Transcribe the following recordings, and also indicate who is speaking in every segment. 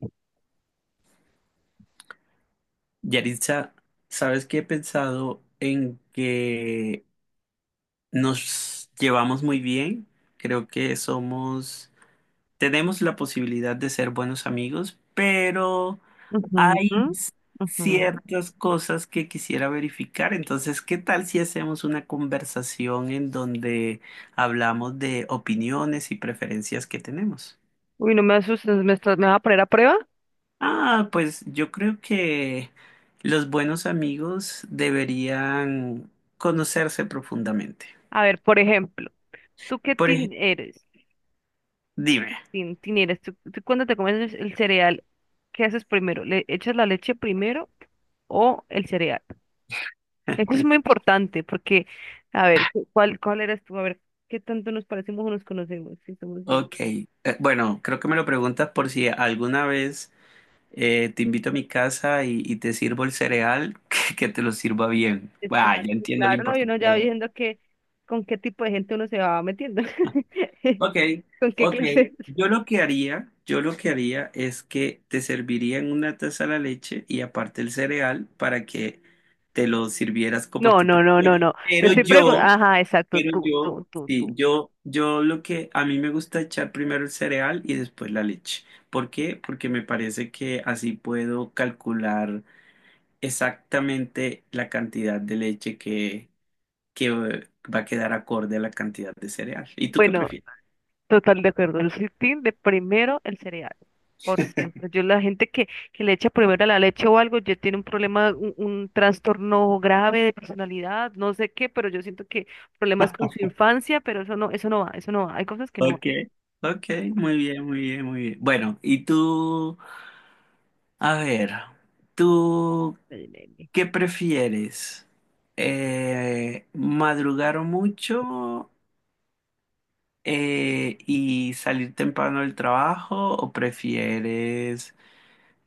Speaker 1: Ujú,
Speaker 2: Yaritza, ¿sabes qué he pensado en que nos llevamos muy bien? Creo que somos, tenemos la posibilidad de ser buenos amigos, pero hay
Speaker 1: ujú.
Speaker 2: ciertas cosas que quisiera verificar. Entonces, ¿qué tal si hacemos una conversación en donde hablamos de opiniones y preferencias que tenemos?
Speaker 1: Uy, no me asustes, me vas a poner a prueba.
Speaker 2: Ah, pues yo creo que los buenos amigos deberían conocerse profundamente.
Speaker 1: A ver, por ejemplo, ¿tú qué
Speaker 2: Por
Speaker 1: tin
Speaker 2: ejemplo,
Speaker 1: eres?
Speaker 2: dime.
Speaker 1: Tin, tin eres. ¿Tú cuando te comes el cereal, qué haces primero? ¿Le echas la leche primero o el cereal? Eso es muy importante porque, a ver, ¿Cuál eres tú? A ver, ¿qué tanto nos parecemos o nos conocemos? Si somos...
Speaker 2: Ok, bueno, creo que me lo preguntas por si alguna vez te invito a mi casa y te sirvo el cereal, que te lo sirva bien. Ah, ya
Speaker 1: Exacto,
Speaker 2: entiendo la
Speaker 1: claro, no, y uno ya va
Speaker 2: importancia.
Speaker 1: viendo que con qué tipo de gente uno se va metiendo,
Speaker 2: Ok,
Speaker 1: con qué
Speaker 2: ok.
Speaker 1: clase.
Speaker 2: Yo lo que haría es que te serviría en una taza la leche y aparte el cereal para que te lo sirvieras como
Speaker 1: No,
Speaker 2: tú
Speaker 1: no, no, no,
Speaker 2: prefieras.
Speaker 1: no. Te
Speaker 2: Pero
Speaker 1: estoy
Speaker 2: yo,
Speaker 1: preguntando, ajá, exacto,
Speaker 2: pero
Speaker 1: tú,
Speaker 2: yo,
Speaker 1: tú, tú,
Speaker 2: sí,
Speaker 1: tú.
Speaker 2: yo lo que a mí me gusta echar primero el cereal y después la leche. ¿Por qué? Porque me parece que así puedo calcular exactamente la cantidad de leche que va a quedar acorde a la cantidad de cereal. ¿Y tú qué
Speaker 1: Bueno,
Speaker 2: prefieres?
Speaker 1: total de acuerdo. El sitín de primero el cereal, por siempre. Yo la gente que le echa primero la leche o algo, ya tiene un problema, un trastorno grave de personalidad, no sé qué, pero yo siento que problemas con su infancia, pero eso no va, eso no va. Hay cosas que no
Speaker 2: Ok, ok, muy bien, muy bien, muy bien. Bueno, y tú, a ver, ¿tú
Speaker 1: van.
Speaker 2: qué prefieres? ¿Madrugar mucho y salir temprano del trabajo o prefieres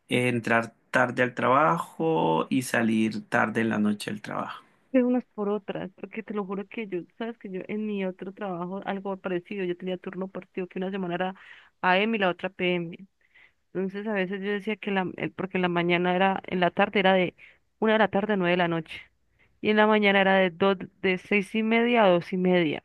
Speaker 2: entrar tarde al trabajo y salir tarde en la noche del trabajo?
Speaker 1: De unas por otras, porque te lo juro que yo, sabes que yo en mi otro trabajo, algo parecido, yo tenía turno partido, que una semana era a.m. y la otra p.m. Entonces a veces yo decía que porque en la mañana era, en la tarde era de 1 de la tarde a 9 de la noche, y en la mañana era de 6:30 a 2:30.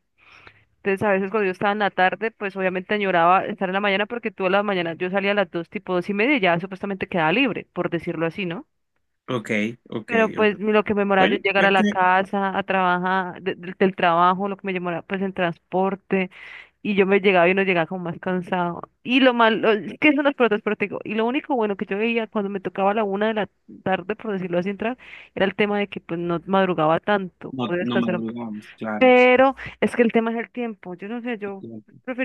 Speaker 1: Entonces a veces cuando yo estaba en la tarde, pues obviamente añoraba estar en la mañana porque tú a la mañana yo salía a las dos, tipo 2:30 y ya supuestamente quedaba libre, por decirlo así, ¿no?
Speaker 2: Ok, ok,
Speaker 1: Pero
Speaker 2: ok.
Speaker 1: pues lo que me demoraba yo en
Speaker 2: Bueno,
Speaker 1: llegar a
Speaker 2: ya que
Speaker 1: la casa, a trabajar, del trabajo, lo que me demoraba pues en transporte, y yo me llegaba y no llegaba como más cansado. Y lo malo, es que son las pelotas, pero te digo, y lo único bueno que yo veía cuando me tocaba a la 1 de la tarde, por decirlo así, entrar, era el tema de que pues no madrugaba tanto,
Speaker 2: no,
Speaker 1: podía
Speaker 2: no
Speaker 1: descansar un poco.
Speaker 2: madrugamos, claro.
Speaker 1: Pero es que el tema es el tiempo, yo no sé, yo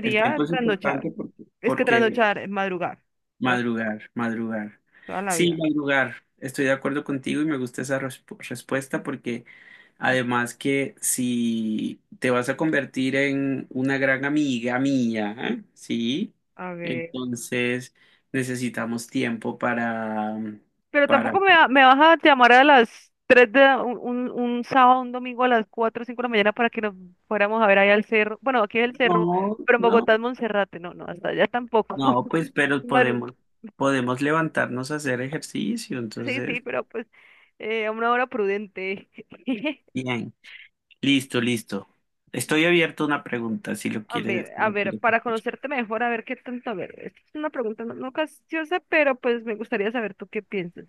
Speaker 2: El tiempo es
Speaker 1: trasnochar,
Speaker 2: importante
Speaker 1: es que
Speaker 2: porque
Speaker 1: trasnochar es madrugar, o-
Speaker 2: madrugar, madrugar.
Speaker 1: toda la
Speaker 2: Sí,
Speaker 1: vida.
Speaker 2: madrugar. Estoy de acuerdo contigo y me gusta esa respuesta porque además que si te vas a convertir en una gran amiga mía, ¿eh? ¿Sí?
Speaker 1: A ver.
Speaker 2: Entonces necesitamos tiempo para,
Speaker 1: Pero
Speaker 2: para...
Speaker 1: tampoco me vas a llamar a las 3 de la- un sábado, un domingo a las 4 o 5 de la mañana para que nos fuéramos a ver ahí al cerro. Bueno, aquí es el cerro,
Speaker 2: No,
Speaker 1: pero en
Speaker 2: no,
Speaker 1: Bogotá es Monserrate. No, no, hasta allá tampoco.
Speaker 2: no, pues pero
Speaker 1: Maru-
Speaker 2: podemos, podemos levantarnos a hacer ejercicio,
Speaker 1: Sí, sí,
Speaker 2: entonces,
Speaker 1: pero pues a una hora prudente.
Speaker 2: bien. Listo, listo. Estoy abierto a una pregunta si lo quieres, si
Speaker 1: A
Speaker 2: lo
Speaker 1: ver,
Speaker 2: quieres
Speaker 1: para
Speaker 2: escuchar.
Speaker 1: conocerte mejor, a ver qué tanto. A ver, esta es una pregunta no capciosa, pero pues me gustaría saber tú qué piensas.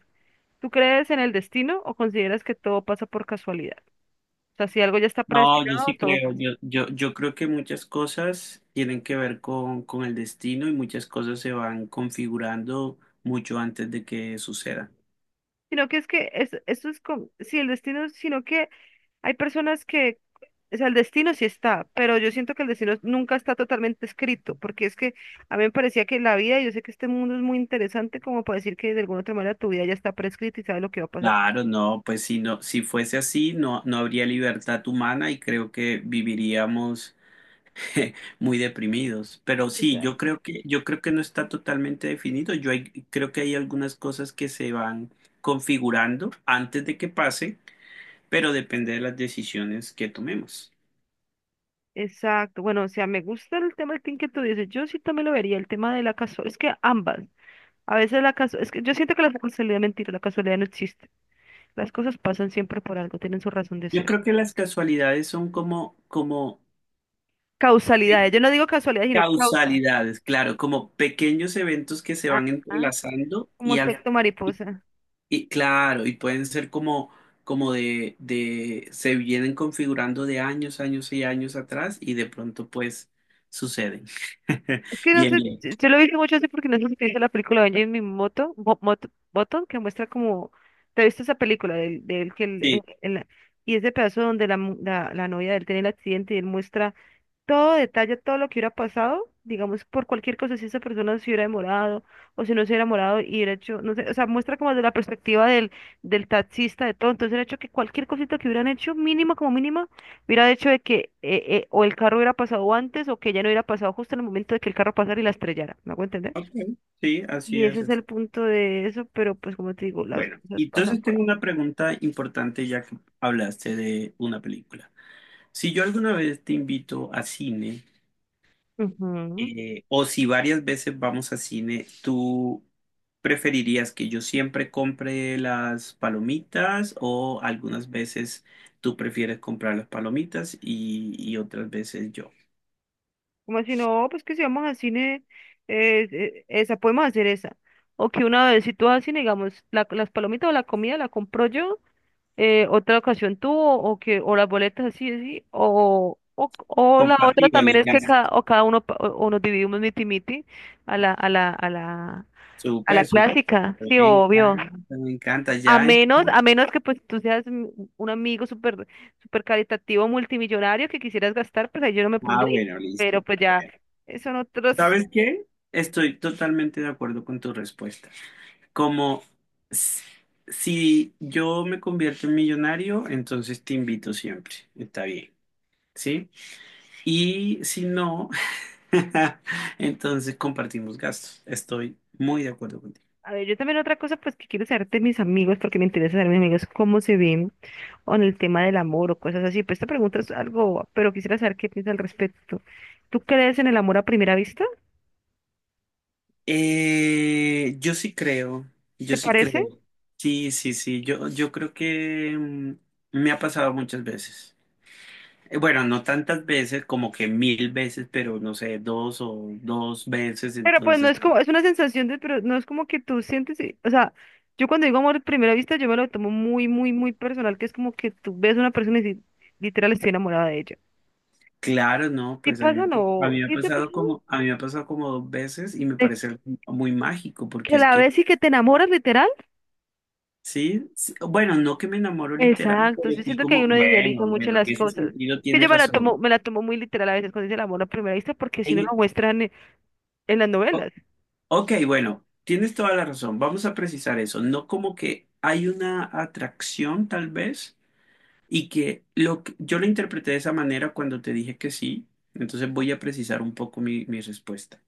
Speaker 1: ¿Tú crees en el destino o consideras que todo pasa por casualidad? O sea, si algo ya está
Speaker 2: No, yo
Speaker 1: predestinado,
Speaker 2: sí
Speaker 1: todo.
Speaker 2: creo, yo creo que muchas cosas tienen que ver con el destino y muchas cosas se van configurando mucho antes de que suceda.
Speaker 1: Sino que es, esto es como, sí, el destino, sino que hay personas que, o sea, el destino sí está, pero yo siento que el destino nunca está totalmente escrito, porque es que a mí me parecía que la vida, y yo sé que este mundo es muy interesante como para decir que de alguna otra manera tu vida ya está prescrita y sabes lo que va a pasar.
Speaker 2: Claro, no, pues si no, si fuese así, no, no habría libertad humana y creo que viviríamos muy deprimidos. Pero sí,
Speaker 1: Exacto,
Speaker 2: yo creo que no está totalmente definido. Creo que hay algunas cosas que se van configurando antes de que pase, pero depende de las decisiones que tomemos.
Speaker 1: exacto. Bueno, o sea, me gusta el tema del que tú dices, yo sí también lo vería, el tema de la casualidad, es que ambas, a veces la casualidad, es que yo siento que la casualidad es mentira, la casualidad no existe, las cosas pasan siempre por algo, tienen su razón de
Speaker 2: Yo
Speaker 1: ser.
Speaker 2: creo que las casualidades son como pe-
Speaker 1: Causalidades. Yo no digo casualidades, sino causa.
Speaker 2: causalidades, claro, como pequeños eventos que se
Speaker 1: Ah,
Speaker 2: van
Speaker 1: ah,
Speaker 2: entrelazando
Speaker 1: como
Speaker 2: y al.
Speaker 1: efecto
Speaker 2: y,
Speaker 1: mariposa.
Speaker 2: y claro, y pueden ser como, como se vienen configurando de años, años y años atrás y de pronto pues suceden.
Speaker 1: Es que no
Speaker 2: Bien,
Speaker 1: sé,
Speaker 2: bien.
Speaker 1: yo lo he visto mucho así porque no sé si te viste la película de Jimmy Moto, Button, que muestra como, te has visto esa película del que
Speaker 2: Sí.
Speaker 1: y ese pedazo donde la novia de él tiene el accidente y él muestra todo detalle, todo lo que hubiera pasado, digamos, por cualquier cosa, si esa persona se hubiera demorado o si no se hubiera demorado y hubiera hecho, no sé, o sea, muestra como desde la perspectiva del taxista, de todo, entonces el hecho que cualquier cosita que hubieran hecho, mínima como mínima, hubiera hecho de que o el carro hubiera pasado antes o que ya no hubiera pasado justo en el momento de que el carro pasara y la estrellara, ¿me hago entender?
Speaker 2: Ok. Sí, así
Speaker 1: Y ese
Speaker 2: es.
Speaker 1: es el
Speaker 2: Así.
Speaker 1: punto de eso, pero pues como te digo, las
Speaker 2: Bueno,
Speaker 1: cosas pasan
Speaker 2: entonces
Speaker 1: por
Speaker 2: tengo una pregunta importante ya que hablaste de una película. Si yo alguna vez te invito a cine,
Speaker 1: ahí.
Speaker 2: O si varias veces vamos a cine, ¿tú preferirías que yo siempre compre las palomitas o algunas veces tú prefieres comprar las palomitas y otras veces yo?
Speaker 1: Como si no, pues que si vamos al cine, esa, podemos hacer esa. O que una vez, si tú vas al cine, digamos, las palomitas o la comida la compro yo, otra ocasión tú, o, que, o las boletas así, así, o la otra
Speaker 2: Compartido
Speaker 1: también
Speaker 2: los
Speaker 1: es que
Speaker 2: gastos.
Speaker 1: cada, o cada uno, o nos dividimos miti miti a la, a la
Speaker 2: Súper, súper.
Speaker 1: clásica, sí,
Speaker 2: Me
Speaker 1: obvio.
Speaker 2: encanta, me encanta. Ya entiendo.
Speaker 1: A menos que pues tú seas un amigo súper súper caritativo multimillonario que quisieras gastar, pues ahí yo no me
Speaker 2: Ah,
Speaker 1: pondría.
Speaker 2: bueno,
Speaker 1: Pero
Speaker 2: listo.
Speaker 1: pues ya
Speaker 2: Bueno,
Speaker 1: son otros.
Speaker 2: ¿sabes qué? Estoy totalmente de acuerdo con tu respuesta. Como s- si yo me convierto en millonario, entonces te invito siempre. Está bien, ¿sí? Y si no, entonces compartimos gastos. Estoy muy de acuerdo contigo.
Speaker 1: A ver, yo también otra cosa pues que quiero saber de mis amigos, porque me interesa saber de mis amigos cómo se ven o en el tema del amor o cosas así. Pues esta pregunta es algo, pero quisiera saber qué piensas al respecto. ¿Tú crees en el amor a primera vista?
Speaker 2: Yo sí creo,
Speaker 1: ¿Te
Speaker 2: yo sí
Speaker 1: parece?
Speaker 2: creo. Sí, sí, sí. Yo creo que me ha pasado muchas veces. Bueno, no tantas veces, como que mil veces, pero no sé, dos o dos veces.
Speaker 1: Pero pues no
Speaker 2: Entonces.
Speaker 1: es como, es una sensación de, pero no es como que tú sientes, o sea, yo cuando digo amor a primera vista, yo me lo tomo muy, muy, muy personal, que es como que tú ves a una persona y dices, literal estoy enamorada de ella.
Speaker 2: Claro, no,
Speaker 1: ¿Sí
Speaker 2: pues
Speaker 1: pasa o
Speaker 2: a mí
Speaker 1: no?
Speaker 2: me ha
Speaker 1: ¿Sí te pasa?
Speaker 2: pasado como, a mí me ha pasado como dos veces y me
Speaker 1: ¿De
Speaker 2: parece algo muy mágico,
Speaker 1: que
Speaker 2: porque es
Speaker 1: la
Speaker 2: que,
Speaker 1: ves y que te enamoras literal?
Speaker 2: sí, sí, bueno, no que me enamoro literal,
Speaker 1: Exacto,
Speaker 2: pero
Speaker 1: yo
Speaker 2: sí
Speaker 1: siento que ahí
Speaker 2: como,
Speaker 1: uno idealiza
Speaker 2: bueno,
Speaker 1: mucho
Speaker 2: bueno,
Speaker 1: las
Speaker 2: en ese
Speaker 1: cosas.
Speaker 2: sentido
Speaker 1: Que yo
Speaker 2: tienes
Speaker 1: me la tomo,
Speaker 2: razón.
Speaker 1: me la tomo muy literal a veces cuando dice el amor a primera vista, porque si
Speaker 2: En-
Speaker 1: no lo
Speaker 2: e,
Speaker 1: muestran en, las
Speaker 2: o-
Speaker 1: novelas.
Speaker 2: ok, bueno, tienes toda la razón, vamos a precisar eso, no como que hay una atracción tal vez y que yo lo interpreté de esa manera cuando te dije que sí, entonces voy a precisar un poco mi respuesta.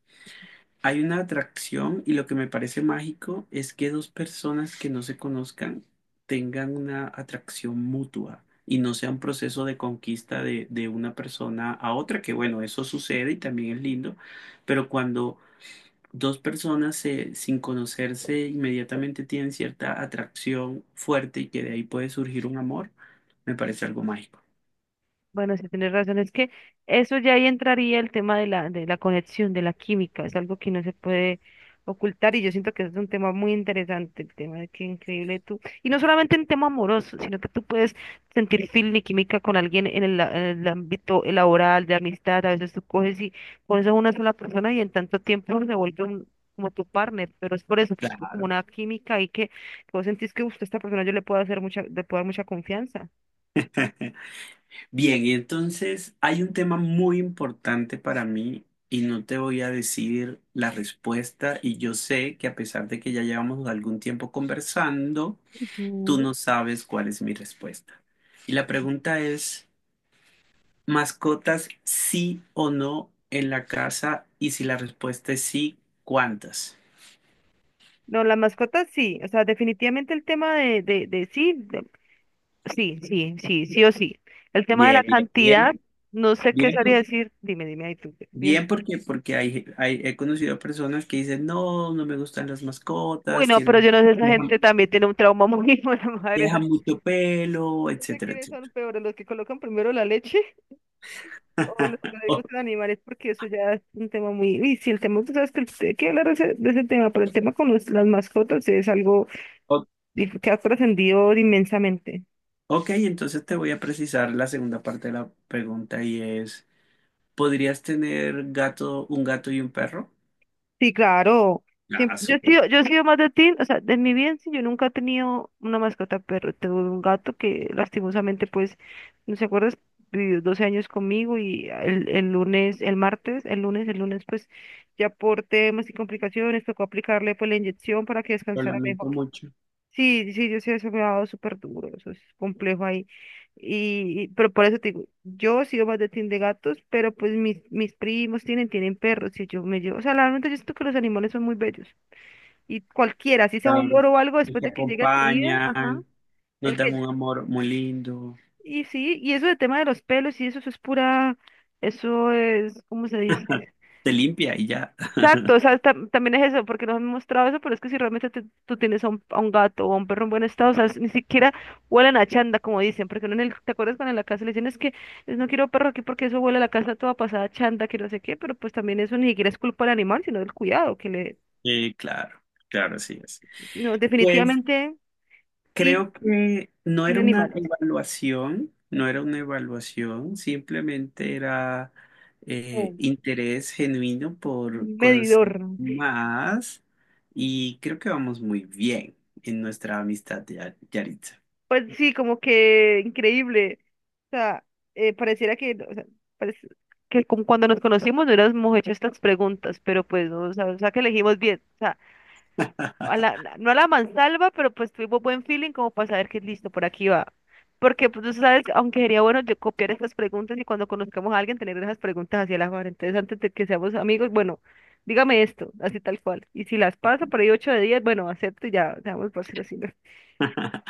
Speaker 2: Hay una atracción y lo que me parece mágico es que dos personas que no se conozcan tengan una atracción mutua y no sea un proceso de conquista de una persona a otra, que bueno, eso sucede y también es lindo, pero cuando dos personas sin conocerse inmediatamente tienen cierta atracción fuerte y que de ahí puede surgir un amor, me parece algo mágico.
Speaker 1: Bueno, sí, tienes razón. Es que eso ya ahí entraría el tema de la conexión, de la química. Es algo que no se puede ocultar y yo siento que es un tema muy interesante, el tema de que increíble tú. Y no solamente en tema amoroso, sino que tú puedes sentir feeling y química con alguien en el ámbito laboral, de amistad. A veces tú coges y conoces a una sola persona y en tanto tiempo se vuelve como tu partner, pero es por eso, que es como una química y que vos sentís que "Uf, esta persona yo le puedo hacer mucha, le puedo dar mucha confianza".
Speaker 2: Bien, y entonces hay un tema muy importante para mí y no te voy a decir la respuesta y yo sé que a pesar de que ya llevamos algún tiempo conversando, tú
Speaker 1: Ujú.
Speaker 2: no sabes cuál es mi respuesta. Y la pregunta es, ¿mascotas sí o no en la casa? Y si la respuesta es sí, ¿cuántas?
Speaker 1: No, las mascotas sí, o sea, definitivamente el tema de, de sí, sí, sí, sí, sí o sí. El tema de la
Speaker 2: Bien, bien,
Speaker 1: cantidad,
Speaker 2: bien,
Speaker 1: no sé qué
Speaker 2: bien,
Speaker 1: sabría decir, dime, dime ahí tú. Bien.
Speaker 2: bien porque, porque he conocido a personas que dicen, no, no me gustan las
Speaker 1: Uy,
Speaker 2: mascotas,
Speaker 1: no, pero yo
Speaker 2: tienen...
Speaker 1: no sé, esa gente también tiene un trauma muy hijo la madre.
Speaker 2: deja mucho pelo,
Speaker 1: No sé
Speaker 2: etcétera,
Speaker 1: quiénes son
Speaker 2: etcétera.
Speaker 1: peores, los que colocan primero la leche o los que no les
Speaker 2: O-
Speaker 1: gustan animales, porque eso ya es un tema muy... Y sí, el tema, tú sabes que hay que hablar de ese tema, pero el tema con las mascotas es algo
Speaker 2: o-
Speaker 1: que ha trascendido inmensamente.
Speaker 2: ok, entonces te voy a precisar la segunda parte de la pregunta y es, ¿podrías tener gato, un gato y un perro?
Speaker 1: Sí, claro.
Speaker 2: Ah,
Speaker 1: Yo he
Speaker 2: súper.
Speaker 1: sido, yo he sido más de ti, o sea, de mi bien, sí, yo nunca he tenido una mascota perro, tuve un gato que lastimosamente, pues, no se acuerdas, vivió 12 años conmigo y el lunes, el martes, el lunes, pues, ya por temas y complicaciones tocó aplicarle, pues, la inyección para que
Speaker 2: Lo
Speaker 1: descansara
Speaker 2: lamento
Speaker 1: mejor.
Speaker 2: mucho.
Speaker 1: Sí, sí, yo sí eso me ha dado súper duro, eso es complejo ahí. Pero por eso te digo, yo sigo más de team de gatos, pero pues mis primos tienen perros y yo me llevo, o sea, realmente yo siento que los animales son muy bellos. Y cualquiera, si sea un
Speaker 2: Claro.
Speaker 1: loro o algo, después
Speaker 2: Nos
Speaker 1: de que llegue a tu vida, ajá,
Speaker 2: acompañan, nos
Speaker 1: el
Speaker 2: dan
Speaker 1: que,
Speaker 2: un amor muy lindo.
Speaker 1: y sí, y eso de tema de los pelos y eso es pura, eso es, ¿cómo se dice?
Speaker 2: Te limpia y ya.
Speaker 1: Exacto, o sea, también es eso, porque nos han mostrado eso, pero es que si realmente tú tienes a un gato o a un perro en buen estado, o sea, ni siquiera huelen a chanda, como dicen, porque uno en el, ¿te acuerdas cuando en la casa le dicen es que es, no quiero perro aquí porque eso huele a la casa toda pasada a chanda, que no sé qué, pero pues también eso ni siquiera es culpa del animal, sino del cuidado, que le,
Speaker 2: Claro, claro, así es.
Speaker 1: no,
Speaker 2: Pues
Speaker 1: definitivamente sí,
Speaker 2: creo que no
Speaker 1: en
Speaker 2: era una
Speaker 1: animales,
Speaker 2: evaluación, no era una evaluación, simplemente era
Speaker 1: como
Speaker 2: interés genuino por
Speaker 1: un medidor.
Speaker 2: conocer más y creo que vamos muy bien en nuestra amistad, Yaritza.
Speaker 1: Pues sí, como que increíble. O sea, pareciera que, no, o sea, parece- que como cuando nos conocimos no hubiéramos hecho estas preguntas, pero pues, no, o sea, que elegimos bien. O sea, no a la mansalva, pero pues tuvimos buen feeling como para saber que listo, por aquí va. Porque, pues, tú sabes, aunque sería bueno yo copiar estas preguntas y cuando conozcamos a alguien tener esas preguntas hacia la mano. Entonces, antes de que seamos amigos, bueno, dígame esto, así tal cual. Y si las pasa por ahí 8 de 10, bueno, acepto y ya, seamos por ser así. ¿No?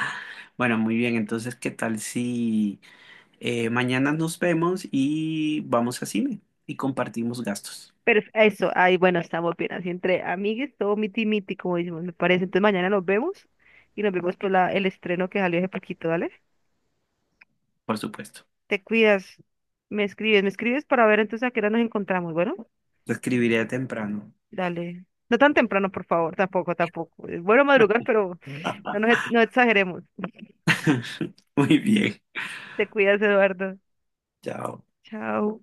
Speaker 2: Bueno, muy bien, entonces, ¿qué tal si mañana nos vemos y vamos a cine y compartimos gastos,
Speaker 1: Pero eso, ahí bueno, estamos bien, así entre amigues, todo miti miti, como decimos, me parece. Entonces mañana nos vemos y nos vemos por la, el estreno que salió hace poquito, dale.
Speaker 2: por supuesto?
Speaker 1: Te cuidas, me escribes para ver entonces a qué hora nos encontramos, bueno,
Speaker 2: Te escribiré temprano.
Speaker 1: dale. No tan temprano, por favor, tampoco, tampoco. Es bueno madrugar, pero no exageremos.
Speaker 2: Muy bien,
Speaker 1: Te cuidas, Eduardo.
Speaker 2: chao.
Speaker 1: Chao.